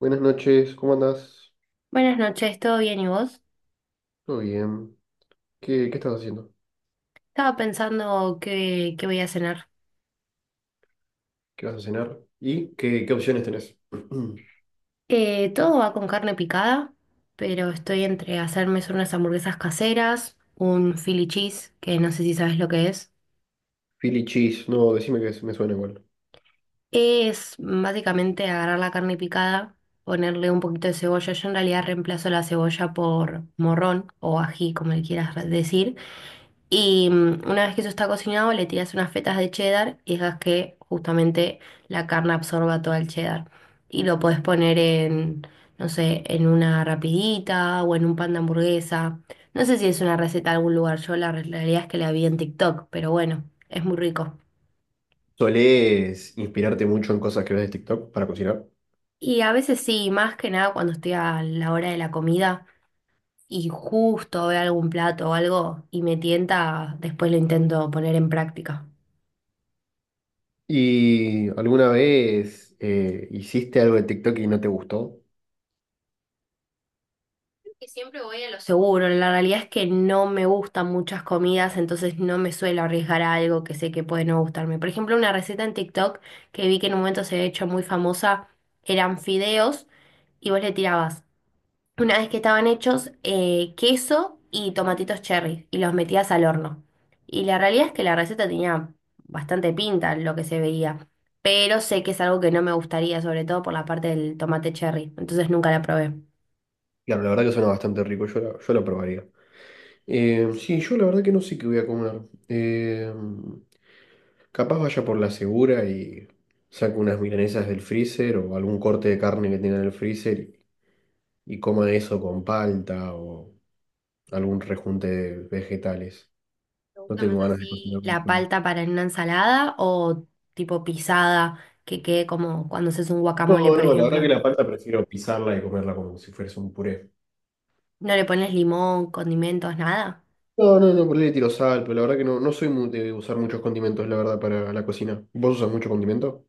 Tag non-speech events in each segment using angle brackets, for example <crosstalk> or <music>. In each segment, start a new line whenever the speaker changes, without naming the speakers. Buenas noches, ¿cómo andás?
Buenas noches, ¿todo bien y vos?
Todo bien. ¿Qué estás haciendo?
Estaba pensando qué voy a cenar.
¿Qué vas a cenar? ¿Y qué opciones tenés? <clears throat>
Todo va con carne picada, pero estoy entre hacerme unas hamburguesas caseras, un Philly cheese, que no sé si sabes lo que es.
Philly cheese, no, decime que me suena igual.
Es básicamente agarrar la carne picada, ponerle un poquito de cebolla. Yo en realidad reemplazo la cebolla por morrón o ají, como le quieras decir. Y una vez que eso está cocinado, le tiras unas fetas de cheddar y dejas que justamente la carne absorba todo el cheddar. Y lo podés poner en, no sé, en una rapidita o en un pan de hamburguesa. No sé si es una receta de algún lugar, yo la realidad es que la vi en TikTok, pero bueno, es muy rico.
¿Solés inspirarte mucho en cosas que ves de TikTok para cocinar?
Y a veces sí, más que nada cuando estoy a la hora de la comida y justo veo algún plato o algo y me tienta, después lo intento poner en práctica.
¿Y alguna vez hiciste algo de TikTok y no te gustó?
Que siempre voy a lo seguro. La realidad es que no me gustan muchas comidas, entonces no me suelo arriesgar a algo que sé que puede no gustarme. Por ejemplo, una receta en TikTok que vi que en un momento se había hecho muy famosa eran fideos y vos le tirabas, una vez que estaban hechos, queso y tomatitos cherry y los metías al horno. Y la realidad es que la receta tenía bastante pinta lo que se veía, pero sé que es algo que no me gustaría, sobre todo por la parte del tomate cherry, entonces nunca la probé.
Claro, la verdad que suena bastante rico, yo, yo lo probaría. Sí, yo la verdad que no sé qué voy a comer. Eh, Capaz vaya por la segura y saco unas milanesas del freezer o algún corte de carne que tenga en el freezer y coma eso con palta o algún rejunte de vegetales.
¿Te
No
gusta más
tengo ganas de
así
cocinar
la
mucho hoy.
palta para en una ensalada o tipo pisada que quede como cuando haces un
No,
guacamole, por
no, la verdad que
ejemplo?
la palta prefiero pisarla y comerla como si fuese un puré.
¿No le pones limón, condimentos, nada?
No, no, no, por ahí le tiro sal, pero la verdad que no, no soy muy de usar muchos condimentos, la verdad, para la cocina. ¿Vos usas mucho condimento?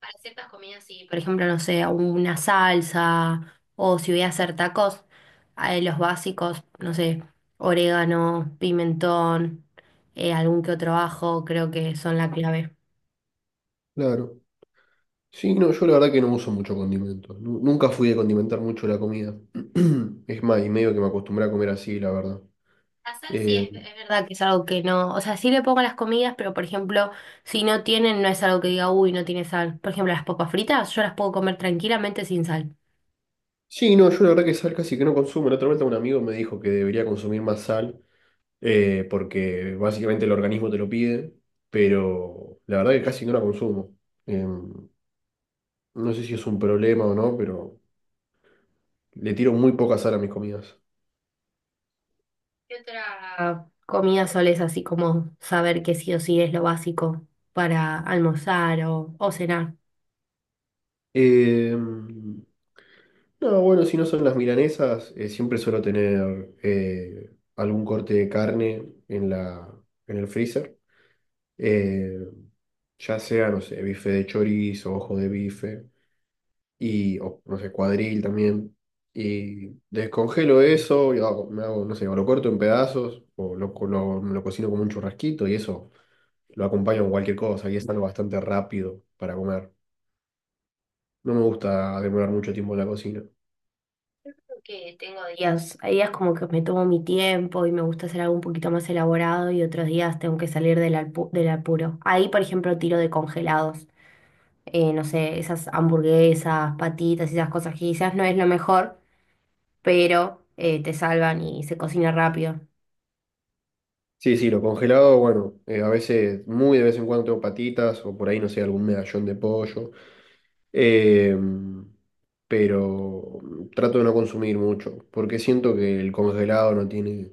Para ciertas comidas sí, por ejemplo, no sé, una salsa o si voy a hacer tacos, los básicos, no sé, orégano, pimentón, algún que otro ajo, creo que son la clave.
Claro. Sí, no, yo la verdad que no uso mucho condimento. Nunca fui de condimentar mucho la comida. <clears throat> Es más, y medio que me acostumbré a comer así, la verdad.
La sal sí es,
Eh,
es verdad que es algo que no, o sea, sí le pongo a las comidas, pero por ejemplo, si no tienen, no es algo que diga, uy, no tiene sal. Por ejemplo, las papas fritas, yo las puedo comer tranquilamente sin sal.
sí, no, yo la verdad que sal casi que no consumo. La otra vez un amigo me dijo que debería consumir más sal, porque básicamente el organismo te lo pide, pero la verdad que casi no la consumo. Eh, no sé si es un problema o no, pero le tiro muy poca sal a mis comidas.
¿Qué otra comida solés así como saber que sí o sí es lo básico para almorzar o cenar?
Eh, no, bueno, si no son las milanesas, siempre suelo tener algún corte de carne en en el freezer. Eh, ya sea, no sé, bife de chorizo, ojo de bife, y, o, no sé, cuadril también. Y descongelo eso, y me hago, no sé, o lo corto en pedazos, o lo cocino como un churrasquito, y eso lo acompaño con cualquier cosa, y es algo bastante rápido para comer. No me gusta demorar mucho tiempo en la cocina.
Creo que tengo días, hay días como que me tomo mi tiempo y me gusta hacer algo un poquito más elaborado y otros días tengo que salir del apuro. Ahí, por ejemplo, tiro de congelados. No sé, esas hamburguesas, patitas, esas cosas que quizás no es lo mejor, pero te salvan y se cocina rápido.
Sí, sí, lo congelado, bueno, a veces, muy de vez en cuando tengo patitas o por ahí, no sé, algún medallón de pollo. Eh, pero trato de no consumir mucho, porque siento que el congelado no tiene,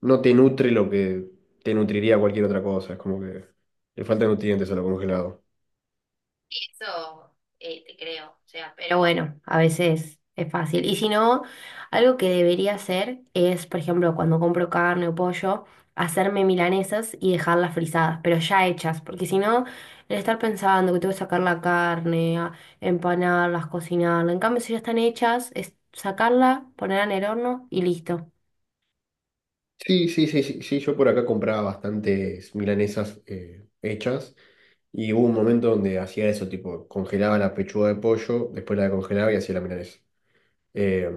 no te nutre lo que te nutriría cualquier otra cosa. Es como que le faltan nutrientes a lo congelado.
Sí, eso, te creo. O sea, pero bueno, a veces es fácil. Y si no, algo que debería hacer es, por ejemplo, cuando compro carne o pollo, hacerme milanesas y dejarlas frisadas, pero ya hechas, porque si no, el estar pensando que tengo que sacar la carne, empanarlas, cocinarla. En cambio, si ya están hechas, es sacarla, ponerla en el horno y listo.
Sí, sí, sí, sí, sí, yo por acá compraba bastantes milanesas hechas y hubo un momento donde hacía eso, tipo, congelaba la pechuga de pollo, después la descongelaba y hacía la milanesa. Eh,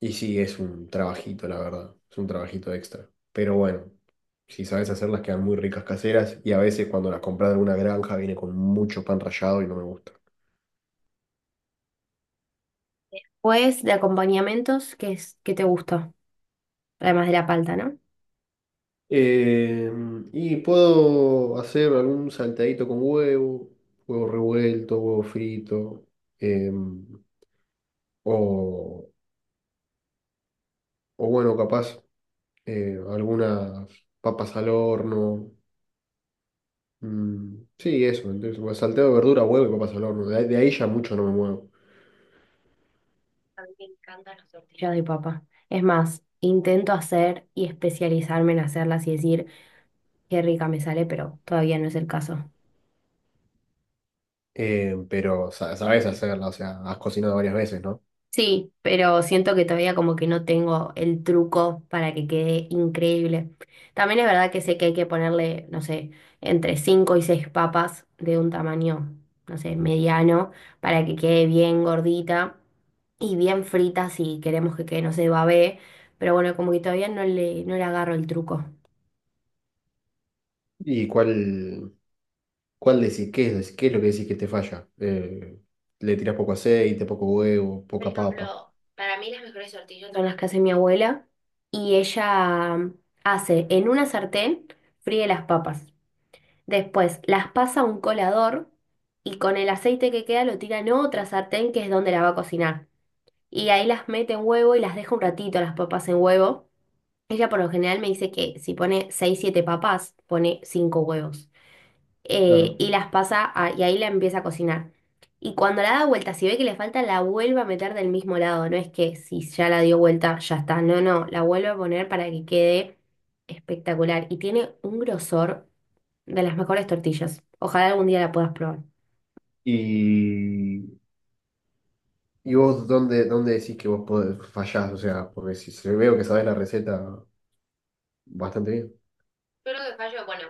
y sí, es un trabajito, la verdad, es un trabajito extra. Pero bueno, si sabes hacerlas quedan muy ricas caseras y a veces cuando las compras de alguna granja viene con mucho pan rallado y no me gusta.
Pues de acompañamientos, ¿qué es, qué te gusta? Además de la palta, ¿no?
Eh, y puedo hacer algún saltadito con huevo, huevo revuelto, huevo frito, eh, o, o bueno, capaz algunas papas al horno. Mm, sí, eso. Entonces, bueno, salteado de verdura, huevo y papas al horno. De ahí ya mucho no me muevo.
A mí me encantan las tortillas de papa. Es más, intento hacer y especializarme en hacerlas y decir qué rica me sale, pero todavía no es el caso.
Pero sabes hacerla, o sea, has cocinado varias veces, ¿no?
Sí, pero siento que todavía como que no tengo el truco para que quede increíble. También es verdad que sé que hay que ponerle, no sé, entre 5 y 6 papas de un tamaño, no sé, mediano, para que quede bien gordita y bien frita si queremos que quede, no sé, babé. Pero bueno, como que todavía no le agarro el truco.
¿Y cuál decís? Qué es lo que decís que te falla? Le tirás poco aceite, poco huevo, poca papa.
Son las que hace mi abuela y ella hace en una sartén, fríe las papas. Después las pasa a un colador y con el aceite que queda lo tira en otra sartén que es donde la va a cocinar. Y ahí las mete en huevo y las deja un ratito las papas en huevo. Ella por lo general me dice que si pone 6 7 papas, pone 5 huevos.
Claro.
Y las pasa y ahí la empieza a cocinar. Y cuando la da vuelta, si ve que le falta, la vuelve a meter del mismo lado. No es que si ya la dio vuelta, ya está. No, no, la vuelve a poner para que quede espectacular. Y tiene un grosor de las mejores tortillas. Ojalá algún día la puedas probar.
Y, y vos, ¿dónde decís que vos podés, fallás? O sea, porque si se veo que sabés la receta bastante bien.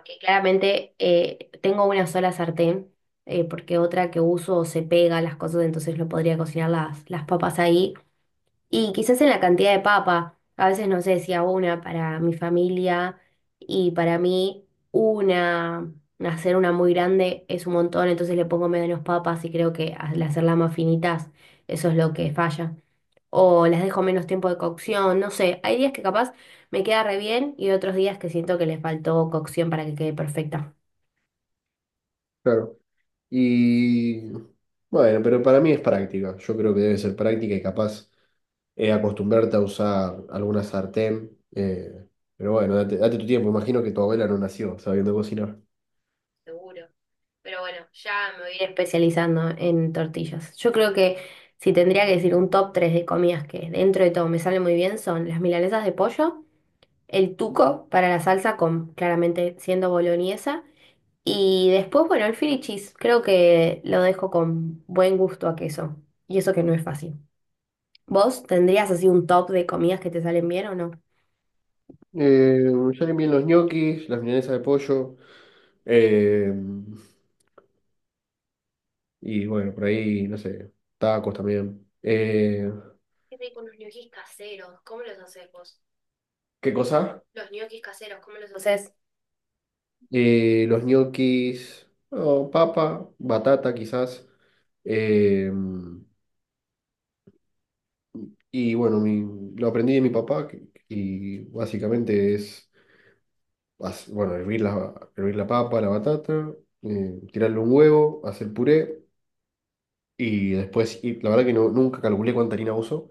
Que claramente, tengo una sola sartén, porque otra que uso se pega las cosas, entonces no podría cocinar las papas ahí. Y quizás en la cantidad de papa, a veces no sé si hago una para mi familia y para mí una, hacer una muy grande es un montón, entonces le pongo menos papas y creo que al hacerlas más finitas, eso es lo que falla. O las dejo menos tiempo de cocción, no sé, hay días que capaz me queda re bien y otros días que siento que le faltó cocción para que quede perfecta.
Claro. Y bueno, pero para mí es práctica. Yo creo que debe ser práctica y capaz acostumbrarte a usar alguna sartén. Pero bueno, date tu tiempo. Imagino que tu abuela no nació sabiendo cocinar.
Seguro. Pero bueno, ya me voy a ir especializando en tortillas. Yo creo que si tendría que decir un top 3 de comidas que dentro de todo me salen muy bien son las milanesas de pollo, el tuco para la salsa con claramente siendo boloñesa y después, bueno, el Philly cheese. Creo que lo dejo con buen gusto a queso y eso que no es fácil. ¿Vos tendrías así un top de comidas que te salen bien o no?
Eh, ya limpié los ñoquis, las milanesas de pollo. Eh, y bueno, por ahí, no sé, tacos también. ¿Qué cosa?
Los ñoquis caseros, ¿cómo los haces?
Los ñoquis, oh, papa, batata quizás. Eh, y bueno, lo aprendí de mi papá y básicamente es, bueno, hervir hervir la papa, la batata, tirarle un huevo, hacer puré y después, y la verdad que no, nunca calculé cuánta harina uso,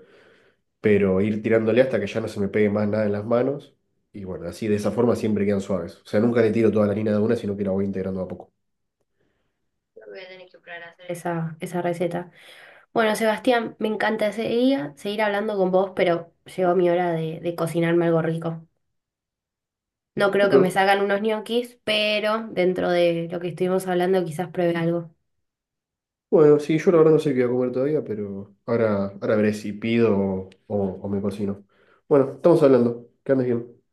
pero ir tirándole hasta que ya no se me pegue más nada en las manos. Y bueno, así de esa forma siempre quedan suaves. O sea, nunca le tiro toda la harina de una, sino que la voy integrando a poco.
Voy a tener que probar a hacer eso, esa receta. Bueno, Sebastián, me encanta ese día seguir hablando con vos, pero llegó mi hora de cocinarme algo rico. No creo que me
Bueno,
salgan unos ñoquis, pero dentro de lo que estuvimos hablando quizás pruebe algo.
bueno, sí, yo la verdad no sé qué voy a comer todavía, pero ahora, ahora veré si pido o me cocino. Bueno, estamos hablando. Que andes bien.